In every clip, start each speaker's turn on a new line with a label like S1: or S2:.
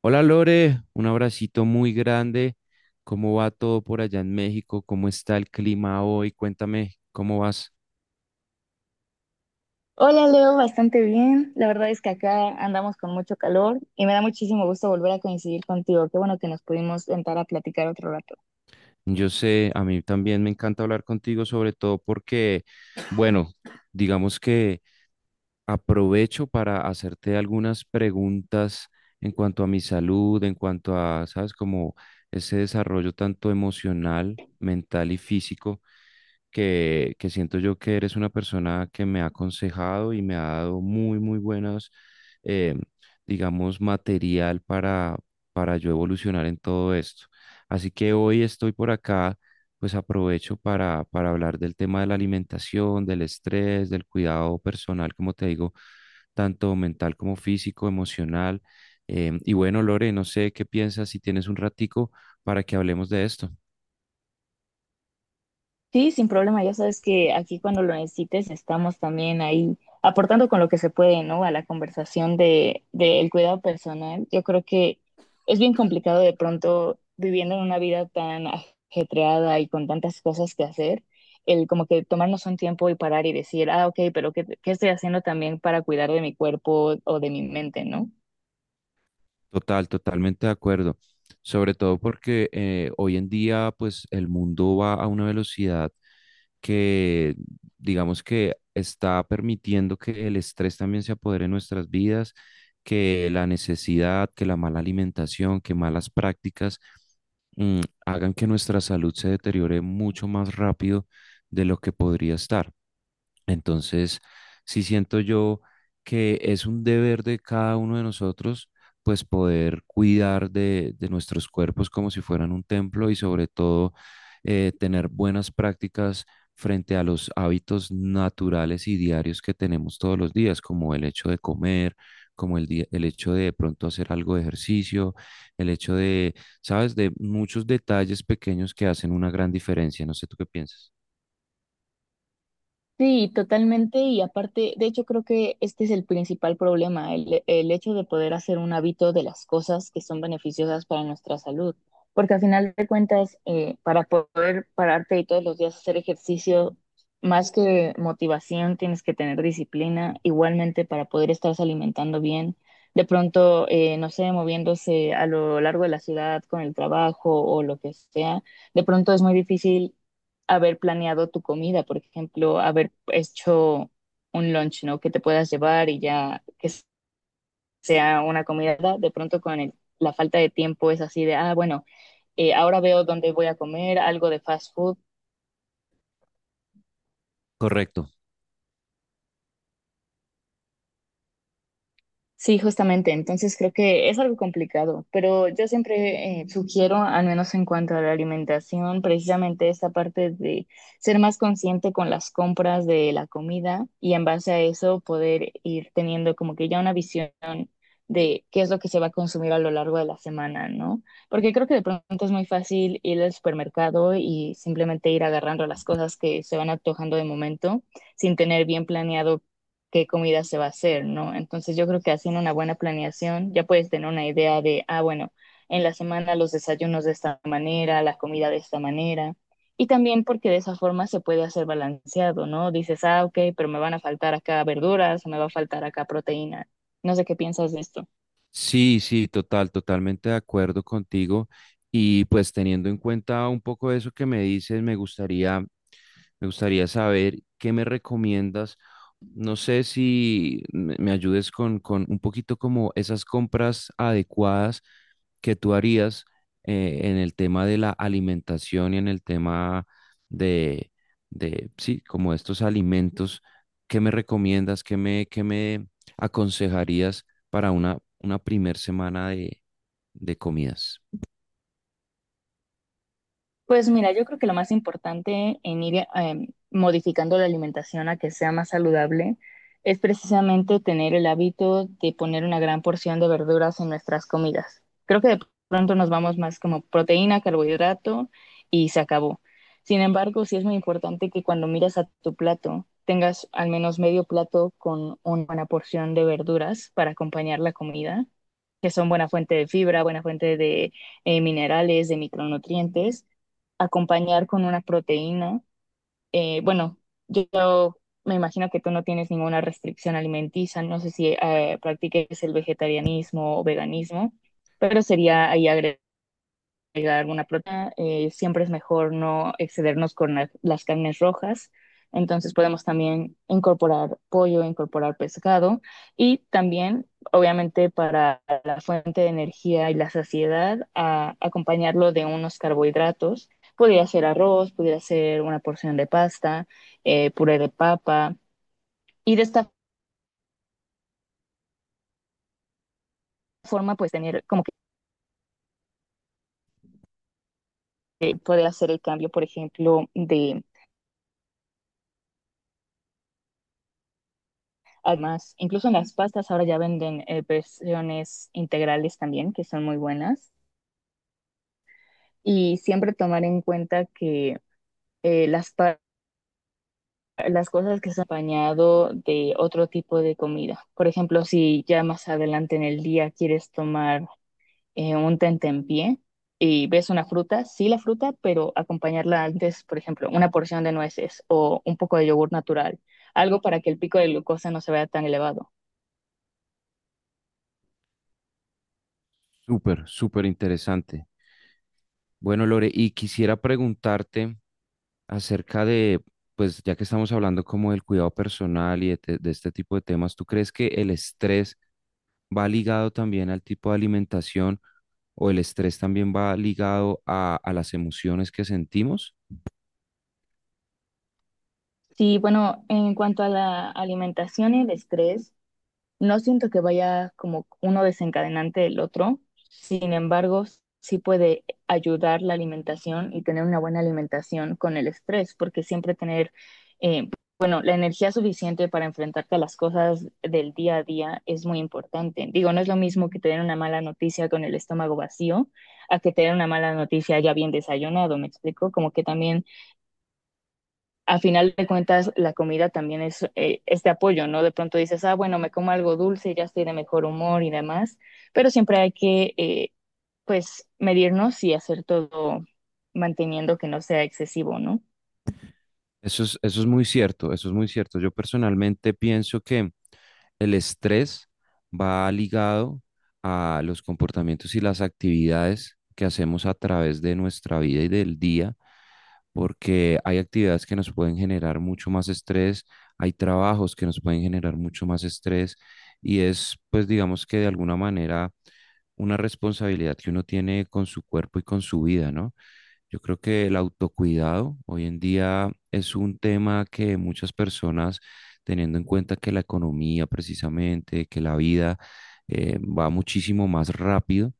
S1: Hola Lore, un abracito muy grande. ¿Cómo va todo por allá en México? ¿Cómo está el clima hoy? Cuéntame, ¿cómo vas?
S2: Hola Leo, bastante bien. La verdad es que acá andamos con mucho calor y me da muchísimo gusto volver a coincidir contigo. Qué bueno que nos pudimos sentar a platicar otro rato.
S1: Yo sé, a mí también me encanta hablar contigo, sobre todo porque, bueno, digamos que aprovecho para hacerte algunas preguntas en cuanto a mi salud, en cuanto a, ¿sabes? Como ese desarrollo tanto emocional, mental y físico que siento yo que eres una persona que me ha aconsejado y me ha dado muy, muy buenos, eh, digamos, material para yo evolucionar en todo esto. Así que hoy estoy por acá, pues aprovecho para hablar del tema de la alimentación, del estrés, del cuidado personal, como te digo, tanto mental como físico, emocional. Y bueno, Lore, no sé qué piensas si tienes un ratico para que hablemos de esto.
S2: Sí, sin problema. Ya sabes que aquí cuando lo necesites estamos también ahí aportando con lo que se puede, ¿no? A la conversación del cuidado personal. Yo creo que es bien complicado de pronto viviendo en una vida tan ajetreada y con tantas cosas que hacer, el como que tomarnos un tiempo y parar y decir, ah, ok, pero ¿qué estoy haciendo también para cuidar de mi cuerpo o de mi mente, ¿no?
S1: Total, totalmente de acuerdo. Sobre todo porque hoy en día, pues el mundo va a una velocidad que, digamos que está permitiendo que el estrés también se apodere en nuestras vidas, que la necesidad, que la mala alimentación, que malas prácticas hagan que nuestra salud se deteriore mucho más rápido de lo que podría estar. Entonces, sí siento yo que es un deber de cada uno de nosotros, pues poder cuidar de nuestros cuerpos como si fueran un templo y sobre todo tener buenas prácticas frente a los hábitos naturales y diarios que tenemos todos los días, como el hecho de comer, como el hecho de pronto hacer algo de ejercicio, el hecho de, sabes, de muchos detalles pequeños que hacen una gran diferencia. No sé tú qué piensas.
S2: Sí, totalmente. Y aparte, de hecho, creo que este es el principal problema, el hecho de poder hacer un hábito de las cosas que son beneficiosas para nuestra salud. Porque al final de cuentas, para poder pararte y todos los días hacer ejercicio, más que motivación, tienes que tener disciplina. Igualmente, para poder estarse alimentando bien, de pronto, no sé, moviéndose a lo largo de la ciudad con el trabajo o lo que sea, de pronto es muy difícil haber planeado tu comida, por ejemplo, haber hecho un lunch, ¿no? Que te puedas llevar y ya que sea una comida, de pronto con la falta de tiempo es así de, ah, bueno, ahora veo dónde voy a comer, algo de fast food.
S1: Correcto.
S2: Sí, justamente. Entonces creo que es algo complicado, pero yo siempre sugiero, al menos en cuanto a la alimentación, precisamente esta parte de ser más consciente con las compras de la comida y en base a eso poder ir teniendo como que ya una visión de qué es lo que se va a consumir a lo largo de la semana, ¿no? Porque creo que de pronto es muy fácil ir al supermercado y simplemente ir agarrando las cosas que se van antojando de momento sin tener bien planeado qué comida se va a hacer, ¿no? Entonces yo creo que haciendo una buena planeación ya puedes tener una idea de, ah, bueno, en la semana los desayunos de esta manera, la comida de esta manera. Y también porque de esa forma se puede hacer balanceado, ¿no? Dices, ah, ok, pero me van a faltar acá verduras, o me va a faltar acá proteína. No sé qué piensas de esto.
S1: Sí, sí, total, totalmente de acuerdo contigo. Y pues teniendo en cuenta un poco eso que me dices, me gustaría saber qué me recomiendas. No sé si me ayudes con un poquito como esas compras adecuadas que tú harías, en el tema de la alimentación y en el tema de, de, sí, como estos alimentos. ¿Qué me recomiendas? ¿Qué me aconsejarías para una primer semana de comidas?
S2: Pues mira, yo creo que lo más importante en ir modificando la alimentación a que sea más saludable es precisamente tener el hábito de poner una gran porción de verduras en nuestras comidas. Creo que de pronto nos vamos más como proteína, carbohidrato y se acabó. Sin embargo, sí es muy importante que cuando miras a tu plato tengas al menos medio plato con una buena porción de verduras para acompañar la comida, que son buena fuente de fibra, buena fuente de minerales, de micronutrientes acompañar con una proteína. Bueno, yo me imagino que tú no tienes ninguna restricción alimenticia, no sé si practiques el vegetarianismo o veganismo, pero sería ahí agregar alguna proteína, siempre es mejor no excedernos con las carnes rojas. Entonces podemos también incorporar pollo, incorporar pescado y también, obviamente, para la fuente de energía y la saciedad, acompañarlo de unos carbohidratos. Podría ser arroz, podría ser una porción de pasta, puré de papa. Y de esta forma, pues tener como que poder hacer el cambio, por ejemplo, de. Además, incluso en las pastas ahora ya venden versiones integrales también, que son muy buenas. Y siempre tomar en cuenta que eh, las, pa- las cosas que se han acompañado de otro tipo de comida. Por ejemplo, si ya más adelante en el día quieres tomar un tentempié y ves una fruta, sí la fruta, pero acompañarla antes, por ejemplo, una porción de nueces o un poco de yogur natural, algo para que el pico de glucosa no se vea tan elevado.
S1: Súper, súper interesante. Bueno, Lore, y quisiera preguntarte acerca de, pues ya que estamos hablando como del cuidado personal y de este tipo de temas, ¿tú crees que el estrés va ligado también al tipo de alimentación o el estrés también va ligado a las emociones que sentimos?
S2: Sí, bueno, en cuanto a la alimentación y el estrés, no siento que vaya como uno desencadenante del otro. Sin embargo, sí puede ayudar la alimentación y tener una buena alimentación con el estrés, porque siempre tener, eh, bueno, la energía suficiente para enfrentarte a las cosas del día a día es muy importante. Digo, no es lo mismo que tener una mala noticia con el estómago vacío a que tener una mala noticia ya bien desayunado, ¿me explico? Como que también a final de cuentas la comida también es este apoyo, ¿no? De pronto dices, ah, bueno, me como algo dulce y ya estoy de mejor humor y demás, pero siempre hay que, pues, medirnos y hacer todo manteniendo que no sea excesivo, ¿no?
S1: Eso es muy cierto, eso es muy cierto. Yo personalmente pienso que el estrés va ligado a los comportamientos y las actividades que hacemos a través de nuestra vida y del día, porque hay actividades que nos pueden generar mucho más estrés, hay trabajos que nos pueden generar mucho más estrés y es, pues digamos que de alguna manera una responsabilidad que uno tiene con su cuerpo y con su vida, ¿no? Yo creo que el autocuidado hoy en día es un tema que muchas personas, teniendo en cuenta que la economía precisamente, que la vida, va muchísimo más rápido,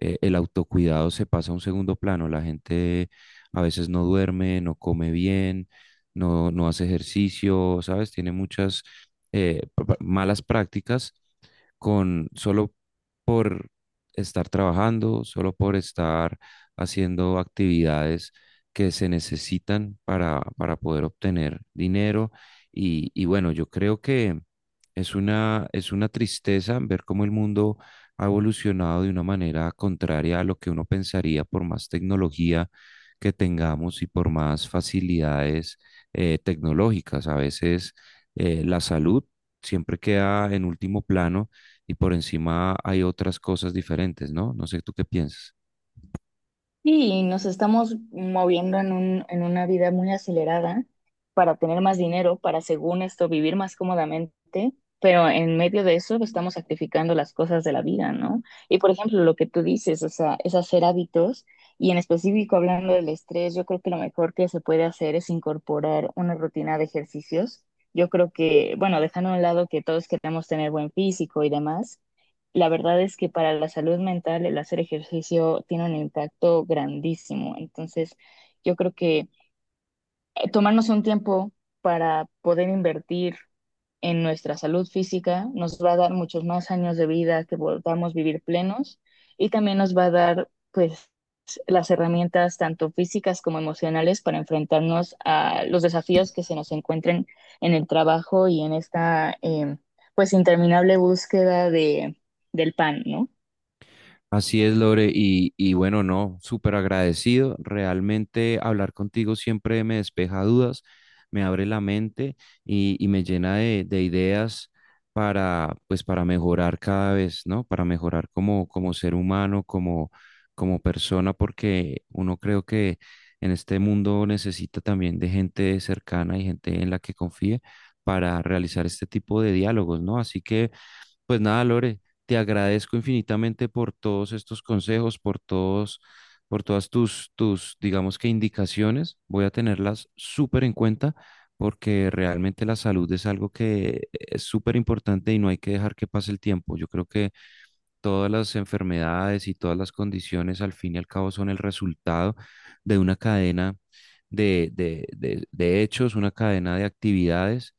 S1: el autocuidado se pasa a un segundo plano. La gente a veces no duerme, no come bien, no hace ejercicio, ¿sabes? Tiene muchas malas prácticas con solo, por estar trabajando, solo por estar haciendo actividades que se necesitan para poder obtener dinero. Y bueno, yo creo que es es una tristeza ver cómo el mundo ha evolucionado de una manera contraria a lo que uno pensaría, por más tecnología que tengamos y por más facilidades, tecnológicas. A veces, la salud siempre queda en último plano y por encima hay otras cosas diferentes, ¿no? No sé, ¿tú qué piensas?
S2: Sí, y nos estamos moviendo en en una vida muy acelerada para tener más dinero, para según esto vivir más cómodamente, pero en medio de eso estamos sacrificando las cosas de la vida, ¿no? Y por ejemplo, lo que tú dices, o sea, es hacer hábitos y en específico hablando del estrés, yo creo que lo mejor que se puede hacer es incorporar una rutina de ejercicios. Yo creo que, bueno, dejando a un lado que todos queremos tener buen físico y demás, la verdad es que para la salud mental el hacer ejercicio tiene un impacto grandísimo. Entonces, yo creo que tomarnos un tiempo para poder invertir en nuestra salud física nos va a dar muchos más años de vida que podamos vivir plenos y también nos va a dar pues las herramientas tanto físicas como emocionales para enfrentarnos a los desafíos que se nos encuentren en el trabajo y en esta pues interminable búsqueda de, del pan, ¿no?
S1: Así es, Lore, y bueno, no, súper agradecido. Realmente hablar contigo siempre me despeja dudas, me abre la mente y me llena de ideas para, pues, para mejorar cada vez, ¿no? Para mejorar como, como ser humano, como, como persona, porque uno creo que en este mundo necesita también de gente cercana y gente en la que confíe para realizar este tipo de diálogos, ¿no? Así que... Pues nada, Lore, te agradezco infinitamente por todos estos consejos, por todos, por todas digamos que indicaciones. Voy a tenerlas súper en cuenta porque realmente la salud es algo que es súper importante y no hay que dejar que pase el tiempo. Yo creo que todas las enfermedades y todas las condiciones al fin y al cabo son el resultado de una cadena de hechos, una cadena de actividades.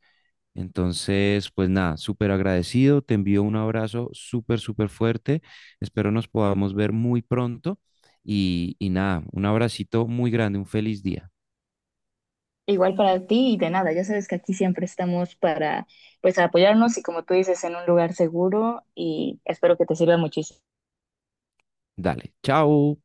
S1: Entonces, pues nada, súper agradecido, te envío un abrazo súper, súper fuerte, espero nos podamos ver muy pronto y nada, un abracito muy grande, un feliz día.
S2: Igual para ti y de nada, ya sabes que aquí siempre estamos para pues apoyarnos y como tú dices, en un lugar seguro y espero que te sirva muchísimo.
S1: Dale, chao.